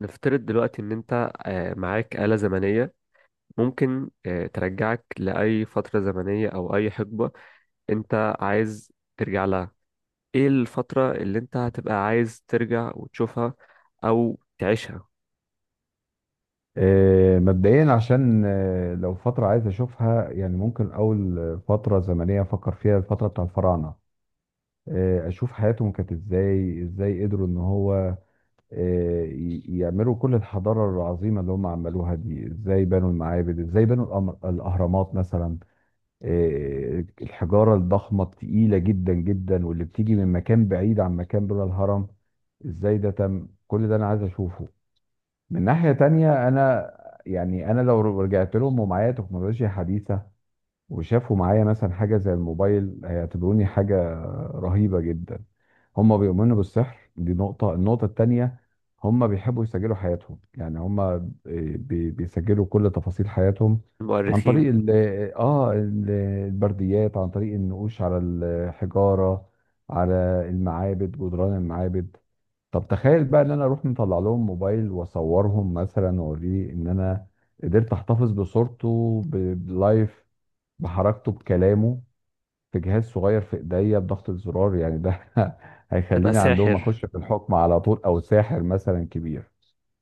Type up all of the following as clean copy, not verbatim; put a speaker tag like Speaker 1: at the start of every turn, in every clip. Speaker 1: نفترض دلوقتي إن أنت معاك آلة زمنية. ممكن ترجعك لأي فترة زمنية أو أي حقبة أنت عايز ترجع لها. إيه الفترة اللي أنت هتبقى عايز ترجع وتشوفها أو تعيشها؟
Speaker 2: مبدئيا، عشان لو فترة عايز أشوفها يعني، ممكن أول فترة زمنية أفكر فيها الفترة بتاع الفراعنة. أشوف حياتهم كانت إزاي، إزاي قدروا إن هو يعملوا كل الحضارة العظيمة اللي هم عملوها دي. إزاي بنوا المعابد، إزاي بنوا الأهرامات مثلا. الحجارة الضخمة التقيلة جدا جدا، واللي بتيجي من مكان بعيد عن مكان بلا الهرم، إزاي ده تم؟ كل ده أنا عايز أشوفه. من ناحية تانية أنا، يعني أنا لو رجعت لهم ومعايا تكنولوجيا حديثة وشافوا معايا مثلا حاجة زي الموبايل، هيعتبروني حاجة رهيبة جدا. هم بيؤمنوا بالسحر، دي نقطة. النقطة التانية، هم بيحبوا يسجلوا حياتهم، يعني هم بيسجلوا كل تفاصيل حياتهم عن
Speaker 1: المؤرخين.
Speaker 2: طريق ال البرديات، عن طريق النقوش على الحجارة، على المعابد، جدران المعابد. طب تخيل بقى ان انا اروح مطلع لهم موبايل واصورهم مثلا، واوريه ان انا قدرت احتفظ بصورته بلايف، بحركته، بكلامه، في جهاز صغير في ايديا بضغط الزرار يعني، ده
Speaker 1: تبقى
Speaker 2: هيخليني عندهم
Speaker 1: ساحر.
Speaker 2: اخش في الحكم على طول، او ساحر مثلا كبير.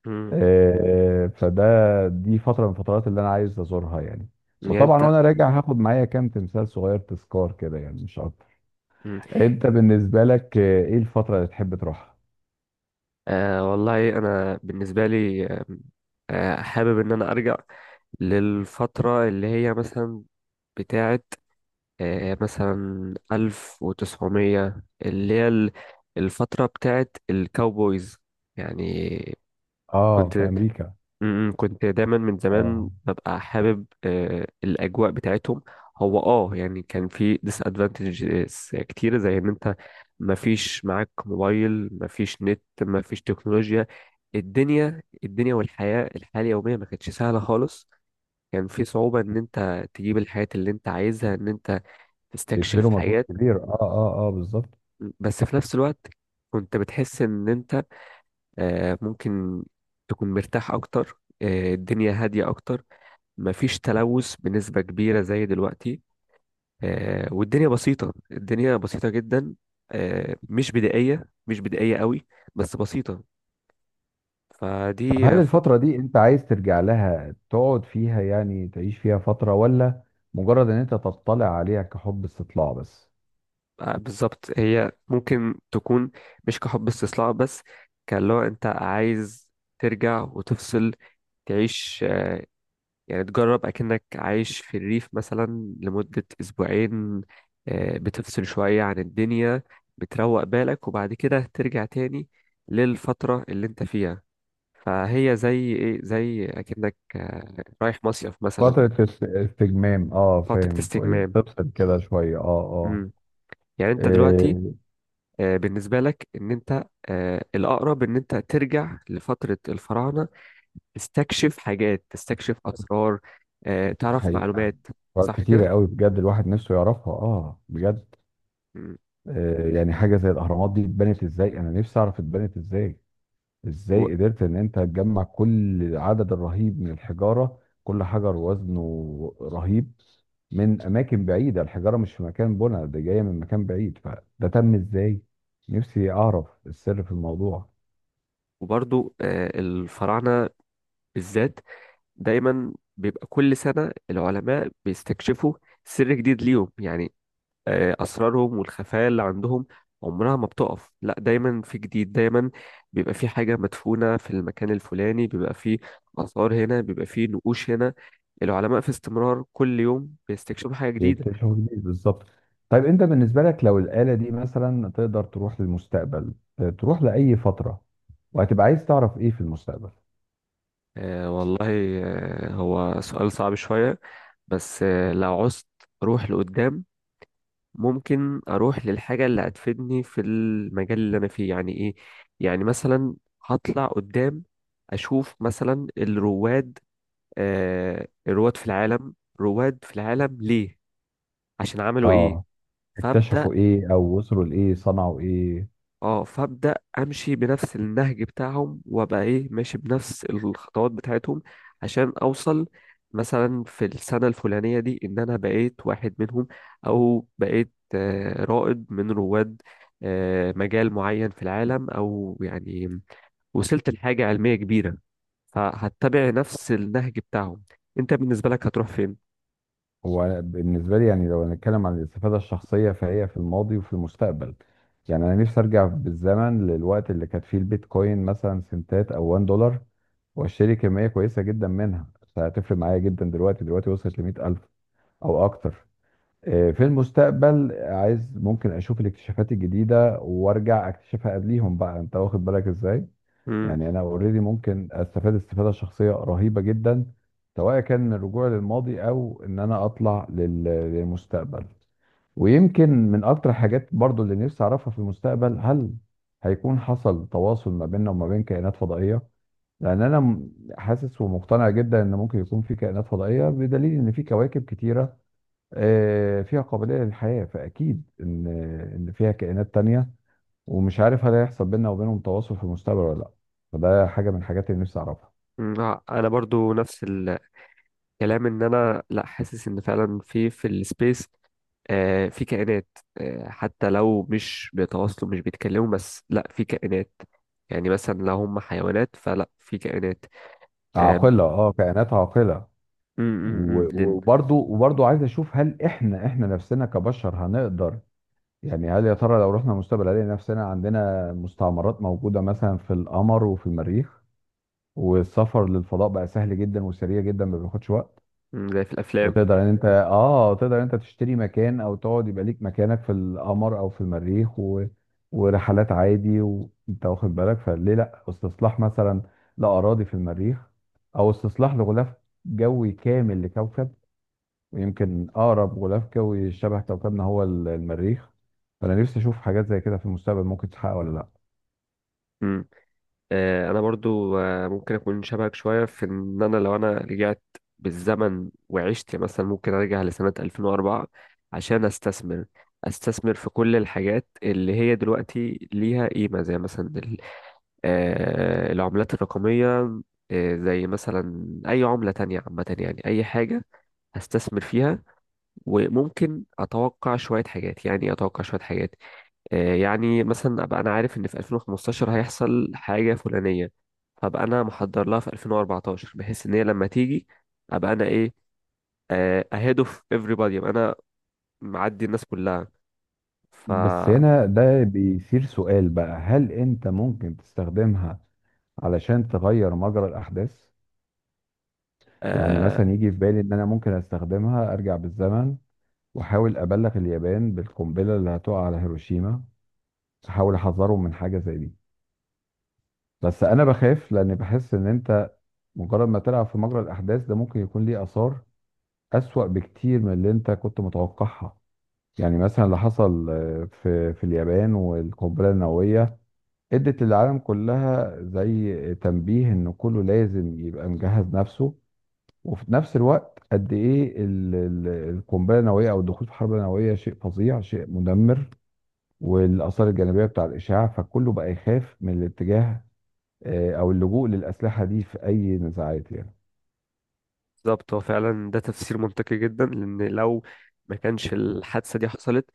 Speaker 1: مم.
Speaker 2: فده دي فتره من الفترات اللي انا عايز ازورها يعني.
Speaker 1: يعني
Speaker 2: وطبعا
Speaker 1: أنت.
Speaker 2: وانا راجع هاخد معايا كام تمثال صغير، تذكار كده يعني، مش اكتر.
Speaker 1: مم.
Speaker 2: انت بالنسبه لك، ايه الفتره اللي تحب تروحها؟
Speaker 1: آه والله أنا بالنسبة لي حابب إن أنا أرجع للفترة اللي هي مثلا بتاعة مثلا ألف وتسعمية اللي هي الفترة بتاعت الكاوبويز يعني.
Speaker 2: اه،
Speaker 1: كنت
Speaker 2: في امريكا، اه.
Speaker 1: م- م، كنت دايما من
Speaker 2: اه،
Speaker 1: زمان ببقى حابب الأجواء بتاعتهم. هو يعني كان في ديس ادفانتجز كتير، زي ان انت مفيش معاك موبايل، مفيش نت، مفيش تكنولوجيا. الدنيا والحياة اليومية ما كانتش سهلة خالص. كان في صعوبة ان انت تجيب الحياة اللي انت عايزها، ان انت تستكشف.
Speaker 2: بيبذلوا مجهود كبير، اه اه اه، بالظبط.
Speaker 1: بس في نفس الوقت كنت بتحس ان انت ممكن تكون مرتاح اكتر، الدنيا هادية اكتر، مفيش تلوث بنسبة كبيرة زي دلوقتي. والدنيا بسيطة، الدنيا بسيطة جدا، مش بدائية، مش بدائية قوي، بس بسيطة.
Speaker 2: طب هل
Speaker 1: فدي فترة.
Speaker 2: الفترة دي انت عايز ترجع لها تقعد فيها يعني، تعيش فيها فترة، ولا مجرد ان انت تطلع عليها كحب استطلاع بس؟
Speaker 1: بالظبط، هي ممكن تكون مش كحب استصلاح بس. كان لو انت عايز ترجع وتفصل تعيش، يعني تجرب أكنك عايش في الريف مثلا لمدة أسبوعين. بتفصل شوية عن الدنيا، بتروق بالك وبعد كده ترجع تاني للفترة اللي انت فيها. فهي زي ايه، زي أكنك رايح مصيف مثلا.
Speaker 2: فترة استجمام، اه،
Speaker 1: فترة
Speaker 2: فاهم، شوية
Speaker 1: استجمام.
Speaker 2: تفصل كده شوية، اه اه.
Speaker 1: مم. يعني انت دلوقتي
Speaker 2: إيه،
Speaker 1: بالنسبة لك، ان انت الأقرب ان انت ترجع لفترة الفراعنة، تستكشف حاجات، تستكشف أسرار، تعرف
Speaker 2: حقيقة
Speaker 1: معلومات، صح كده؟
Speaker 2: كتيرة قوي، بجد الواحد نفسه يعرفها، اه بجد.
Speaker 1: مم.
Speaker 2: إيه، يعني حاجة زي الأهرامات دي اتبنت ازاي، انا نفسي اعرف اتبنت ازاي. ازاي قدرت ان انت تجمع كل العدد الرهيب من الحجارة، كل حجر وزنه رهيب من اماكن بعيدة؟ الحجارة مش في مكان بنا ده، جاية من مكان بعيد، فده تم ازاي؟ نفسي اعرف السر في الموضوع.
Speaker 1: وبرضو الفراعنة بالذات دايما بيبقى كل سنة العلماء بيستكشفوا سر جديد ليهم يعني. أسرارهم والخفايا اللي عندهم عمرها ما بتقف، لا دايما في جديد، دايما بيبقى في حاجة مدفونة في المكان الفلاني، بيبقى في آثار هنا، بيبقى في نقوش هنا. العلماء في استمرار كل يوم بيستكشفوا حاجة جديدة.
Speaker 2: يكتشفوا جديد بالظبط. طيب انت بالنسبة لك، لو الآلة دي مثلا تقدر تروح للمستقبل، تروح لأي فترة، وهتبقى عايز تعرف ايه في المستقبل؟
Speaker 1: آه والله، هو سؤال صعب شوية. بس لو عوزت روح لقدام، ممكن اروح للحاجه اللي هتفيدني في المجال اللي انا فيه، يعني ايه؟ يعني مثلا هطلع قدام، اشوف مثلا الرواد، الرواد في العالم، رواد في العالم ليه، عشان عملوا ايه.
Speaker 2: اه،
Speaker 1: فابدا
Speaker 2: اكتشفوا ايه، او وصلوا لايه، صنعوا ايه.
Speaker 1: اه فابدا امشي بنفس النهج بتاعهم، وابقى ايه، ماشي بنفس الخطوات بتاعتهم عشان اوصل مثلا في السنه الفلانيه دي ان انا بقيت واحد منهم، او بقيت رائد من رواد مجال معين في العالم، او يعني وصلت لحاجه علميه كبيره. فهتبع نفس النهج بتاعهم. انت بالنسبه لك هتروح فين؟
Speaker 2: هو بالنسبة لي يعني، لو هنتكلم عن الاستفادة الشخصية، فهي في الماضي وفي المستقبل. يعني أنا نفسي أرجع بالزمن للوقت اللي كانت فيه البيتكوين مثلا سنتات أو $1، وأشتري كمية كويسة جدا منها، فهتفرق معايا جدا دلوقتي. دلوقتي وصلت لمئة ألف أو أكتر. في المستقبل عايز ممكن أشوف الاكتشافات الجديدة وأرجع أكتشفها قبليهم بقى، أنت واخد بالك إزاي؟
Speaker 1: مم.
Speaker 2: يعني انا اوريدي ممكن استفاد استفاده شخصيه رهيبه جدا، سواء كان من الرجوع للماضي، او ان انا اطلع للمستقبل. ويمكن من اكتر حاجات برضو اللي نفسي اعرفها في المستقبل، هل هيكون حصل تواصل ما بيننا وما بين كائنات فضائية؟ لان انا حاسس ومقتنع جدا ان ممكن يكون في كائنات فضائية، بدليل ان في كواكب كتيرة فيها قابلية للحياة، فاكيد ان فيها كائنات تانية. ومش عارف هل هيحصل بيننا وبينهم تواصل في المستقبل ولا لا، فده حاجه من الحاجات اللي نفسي اعرفها.
Speaker 1: مم. انا برضو نفس الكلام، ان انا لا حاسس ان فعلا في السبيس في كائنات، حتى لو مش بيتواصلوا مش بيتكلموا، بس لا في كائنات. يعني مثلا لو هم حيوانات فلا في كائنات. آم،
Speaker 2: عاقله، اه، كائنات عاقله.
Speaker 1: أم، أم، أم،
Speaker 2: و-
Speaker 1: لن.
Speaker 2: وبرضو وبرضو عايز اشوف هل احنا، نفسنا كبشر هنقدر، يعني هل يا ترى لو رحنا المستقبل هنلاقي نفسنا عندنا مستعمرات موجوده مثلا في القمر وفي المريخ، والسفر للفضاء بقى سهل جدا وسريع جدا، ما بياخدش وقت.
Speaker 1: زي في الافلام.
Speaker 2: وتقدر ان انت اه، تقدر ان انت تشتري مكان او تقعد يبقى ليك مكانك في القمر او في المريخ، و... ورحلات عادي وانت واخد بالك. فليه لا استصلاح مثلا لاراضي في المريخ، او استصلاح لغلاف جوي كامل لكوكب؟ ويمكن اقرب غلاف جوي شبه كوكبنا هو المريخ. فانا نفسي اشوف حاجات زي كده في المستقبل ممكن تتحقق ولا لا.
Speaker 1: أم. آه، انا برضو ممكن اكون شبهك شويه في ان انا لو انا رجعت بالزمن وعشت، يعني مثلا ممكن ارجع لسنه 2004 عشان استثمر في كل الحاجات اللي هي دلوقتي ليها قيمه، زي مثلا العملات الرقمية، زي مثلا أي عملة تانية عامة، يعني أي حاجة هستثمر فيها. وممكن أتوقع شوية حاجات، يعني إيه أتوقع شوية حاجات؟ يعني مثلا أبقى أنا عارف إن في 2015 هيحصل حاجة فلانية، فأبقى أنا محضر لها في 2014، بحيث إن هي لما تيجي أبقى أنا إيه، أهيد أوف everybody، أبقى أنا معدي الناس كلها. ف
Speaker 2: بس هنا ده بيثير سؤال بقى، هل انت ممكن تستخدمها علشان تغير مجرى الاحداث؟ يعني
Speaker 1: آه،
Speaker 2: مثلا يجي في بالي ان انا ممكن استخدمها ارجع بالزمن، واحاول ابلغ اليابان بالقنبله اللي هتقع على هيروشيما، احاول احذرهم من حاجه زي دي. بس انا بخاف، لان بحس ان انت مجرد ما تلعب في مجرى الاحداث ده، ممكن يكون ليه اثار اسوأ بكتير من اللي انت كنت متوقعها. يعني مثلا اللي حصل في اليابان والقنبله النوويه ادت للعالم كلها زي تنبيه، ان كله لازم يبقى مجهز نفسه. وفي نفس الوقت قد ايه القنبله النوويه او الدخول في حرب نوويه شيء فظيع، شيء مدمر، والاثار الجانبيه بتاع الاشعاع، فكله بقى يخاف من الاتجاه او اللجوء للاسلحه دي في اي نزاعات يعني.
Speaker 1: بالظبط، هو فعلا ده تفسير منطقي جدا، لأن لو ما كانش الحادثة دي حصلت،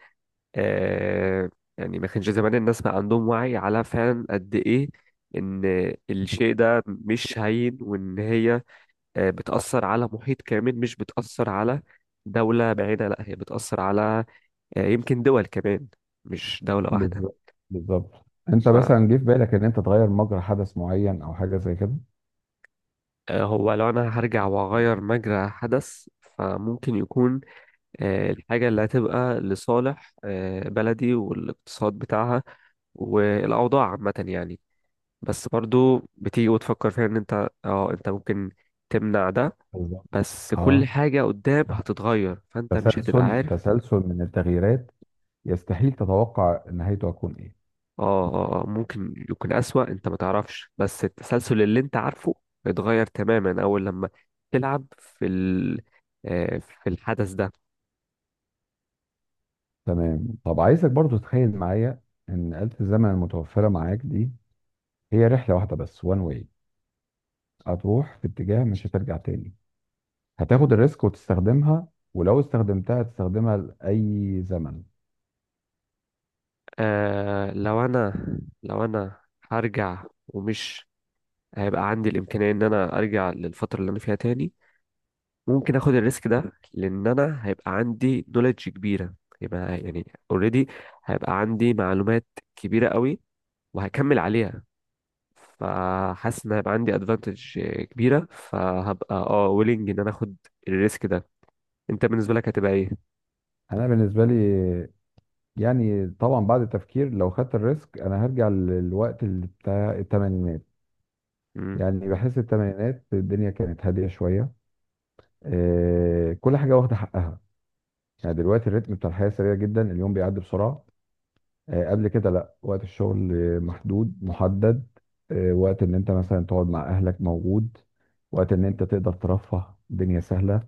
Speaker 1: آه يعني ما كانش زمان الناس ما عندهم وعي على فعلا قد ايه ان الشيء ده مش هين، وان هي بتأثر على محيط كامل، مش بتأثر على دولة بعيدة، لا هي بتأثر على يمكن دول كمان، مش دولة واحدة.
Speaker 2: بالظبط، بالظبط. انت مثلا جه في بالك ان انت تغير مجرى حدث معين او حاجه زي كده؟
Speaker 1: فهو لو انا هرجع واغير مجرى حدث، فممكن يكون الحاجة اللي هتبقى لصالح بلدي والاقتصاد بتاعها والأوضاع عامة يعني. بس برضو بتيجي وتفكر فيها ان انت ممكن تمنع ده.
Speaker 2: بالظبط.
Speaker 1: بس كل
Speaker 2: اه،
Speaker 1: حاجة قدام هتتغير فانت مش هتبقى
Speaker 2: تسلسل،
Speaker 1: عارف.
Speaker 2: تسلسل من التغييرات يستحيل تتوقع نهايته هتكون ايه.
Speaker 1: ممكن يكون اسوأ، انت ما تعرفش، بس التسلسل اللي انت عارفه اتغير تماما اول لما تلعب في ال آه، في الحدث ده.
Speaker 2: تمام، طب عايزك برضو تتخيل معايا ان آلة الزمن المتوفرة معاك دي هي رحلة واحدة بس، وان واي هتروح في اتجاه مش هترجع تاني. هتاخد الريسك وتستخدمها؟ ولو استخدمتها هتستخدمها لأي زمن؟
Speaker 1: آه لو انا هرجع، ومش هيبقى عندي الامكانية ان انا ارجع للفترة اللي انا فيها تاني، ممكن اخد الريسك ده لان انا هيبقى عندي نوليدج كبيره. يبقى يعني اوريدي هيبقى عندي معلومات كبيره قوي وهكمل عليها. فحاسس ان هيبقى عندي ادفانتج كبيره، فهبقى ويلنج ان انا اخد الريسك ده. انت بالنسبه لك هتبقى ايه؟
Speaker 2: أنا بالنسبة لي، يعني طبعا بعد التفكير لو خدت الريسك، أنا هرجع للوقت اللي بتاع التمانينات.
Speaker 1: امم
Speaker 2: يعني بحس التمانينات الدنيا كانت هادية شوية. كل حاجة واخدة حقها. يعني دلوقتي الريتم بتاع الحياة سريع جدا، اليوم بيعدي بسرعة. قبل كده لا، وقت الشغل محدود محدد. وقت ان انت مثلا تقعد مع اهلك موجود، وقت ان انت تقدر ترفه، الدنيا سهلة.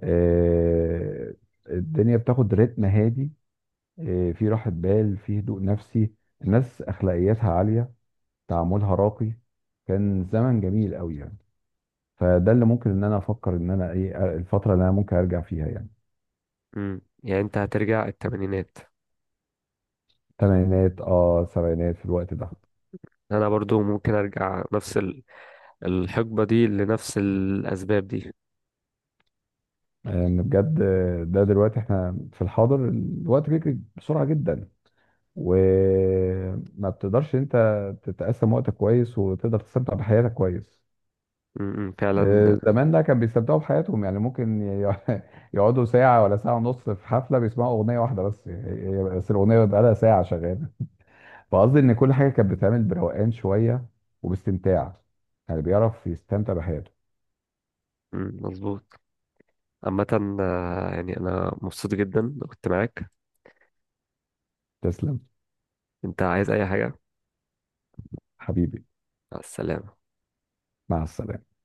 Speaker 2: آه، الدنيا بتاخد رتم هادي. في راحة بال، في هدوء نفسي. الناس اخلاقياتها عالية، تعاملها راقي. كان زمن جميل قوي يعني. فده اللي ممكن ان انا افكر ان انا ايه الفترة اللي انا ممكن ارجع فيها يعني.
Speaker 1: يعني انت هترجع الثمانينات.
Speaker 2: تمانينات، اه، سبعينات، في الوقت ده.
Speaker 1: انا برضو ممكن ارجع نفس الحقبه دي لنفس الاسباب دي.
Speaker 2: ان بجد ده دلوقتي احنا في الحاضر، الوقت بيجري بسرعه جدا، وما بتقدرش انت تتقسم وقتك كويس وتقدر تستمتع بحياتك كويس.
Speaker 1: فعلا.
Speaker 2: زمان ده كان بيستمتعوا بحياتهم يعني. ممكن يقعدوا ساعه ولا ساعه ونص في حفله بيسمعوا اغنيه واحده بس، بس الاغنيه بقى لها ساعه شغاله. فقصدي ان كل حاجه كانت بتتعمل بروقان شويه وباستمتاع، يعني بيعرف يستمتع بحياته.
Speaker 1: مظبوط. عامة يعني أنا مبسوط جدا إن كنت معاك.
Speaker 2: تسلم،
Speaker 1: انت عايز اي حاجة؟
Speaker 2: حبيبي.
Speaker 1: مع السلامة.
Speaker 2: مع السلامه.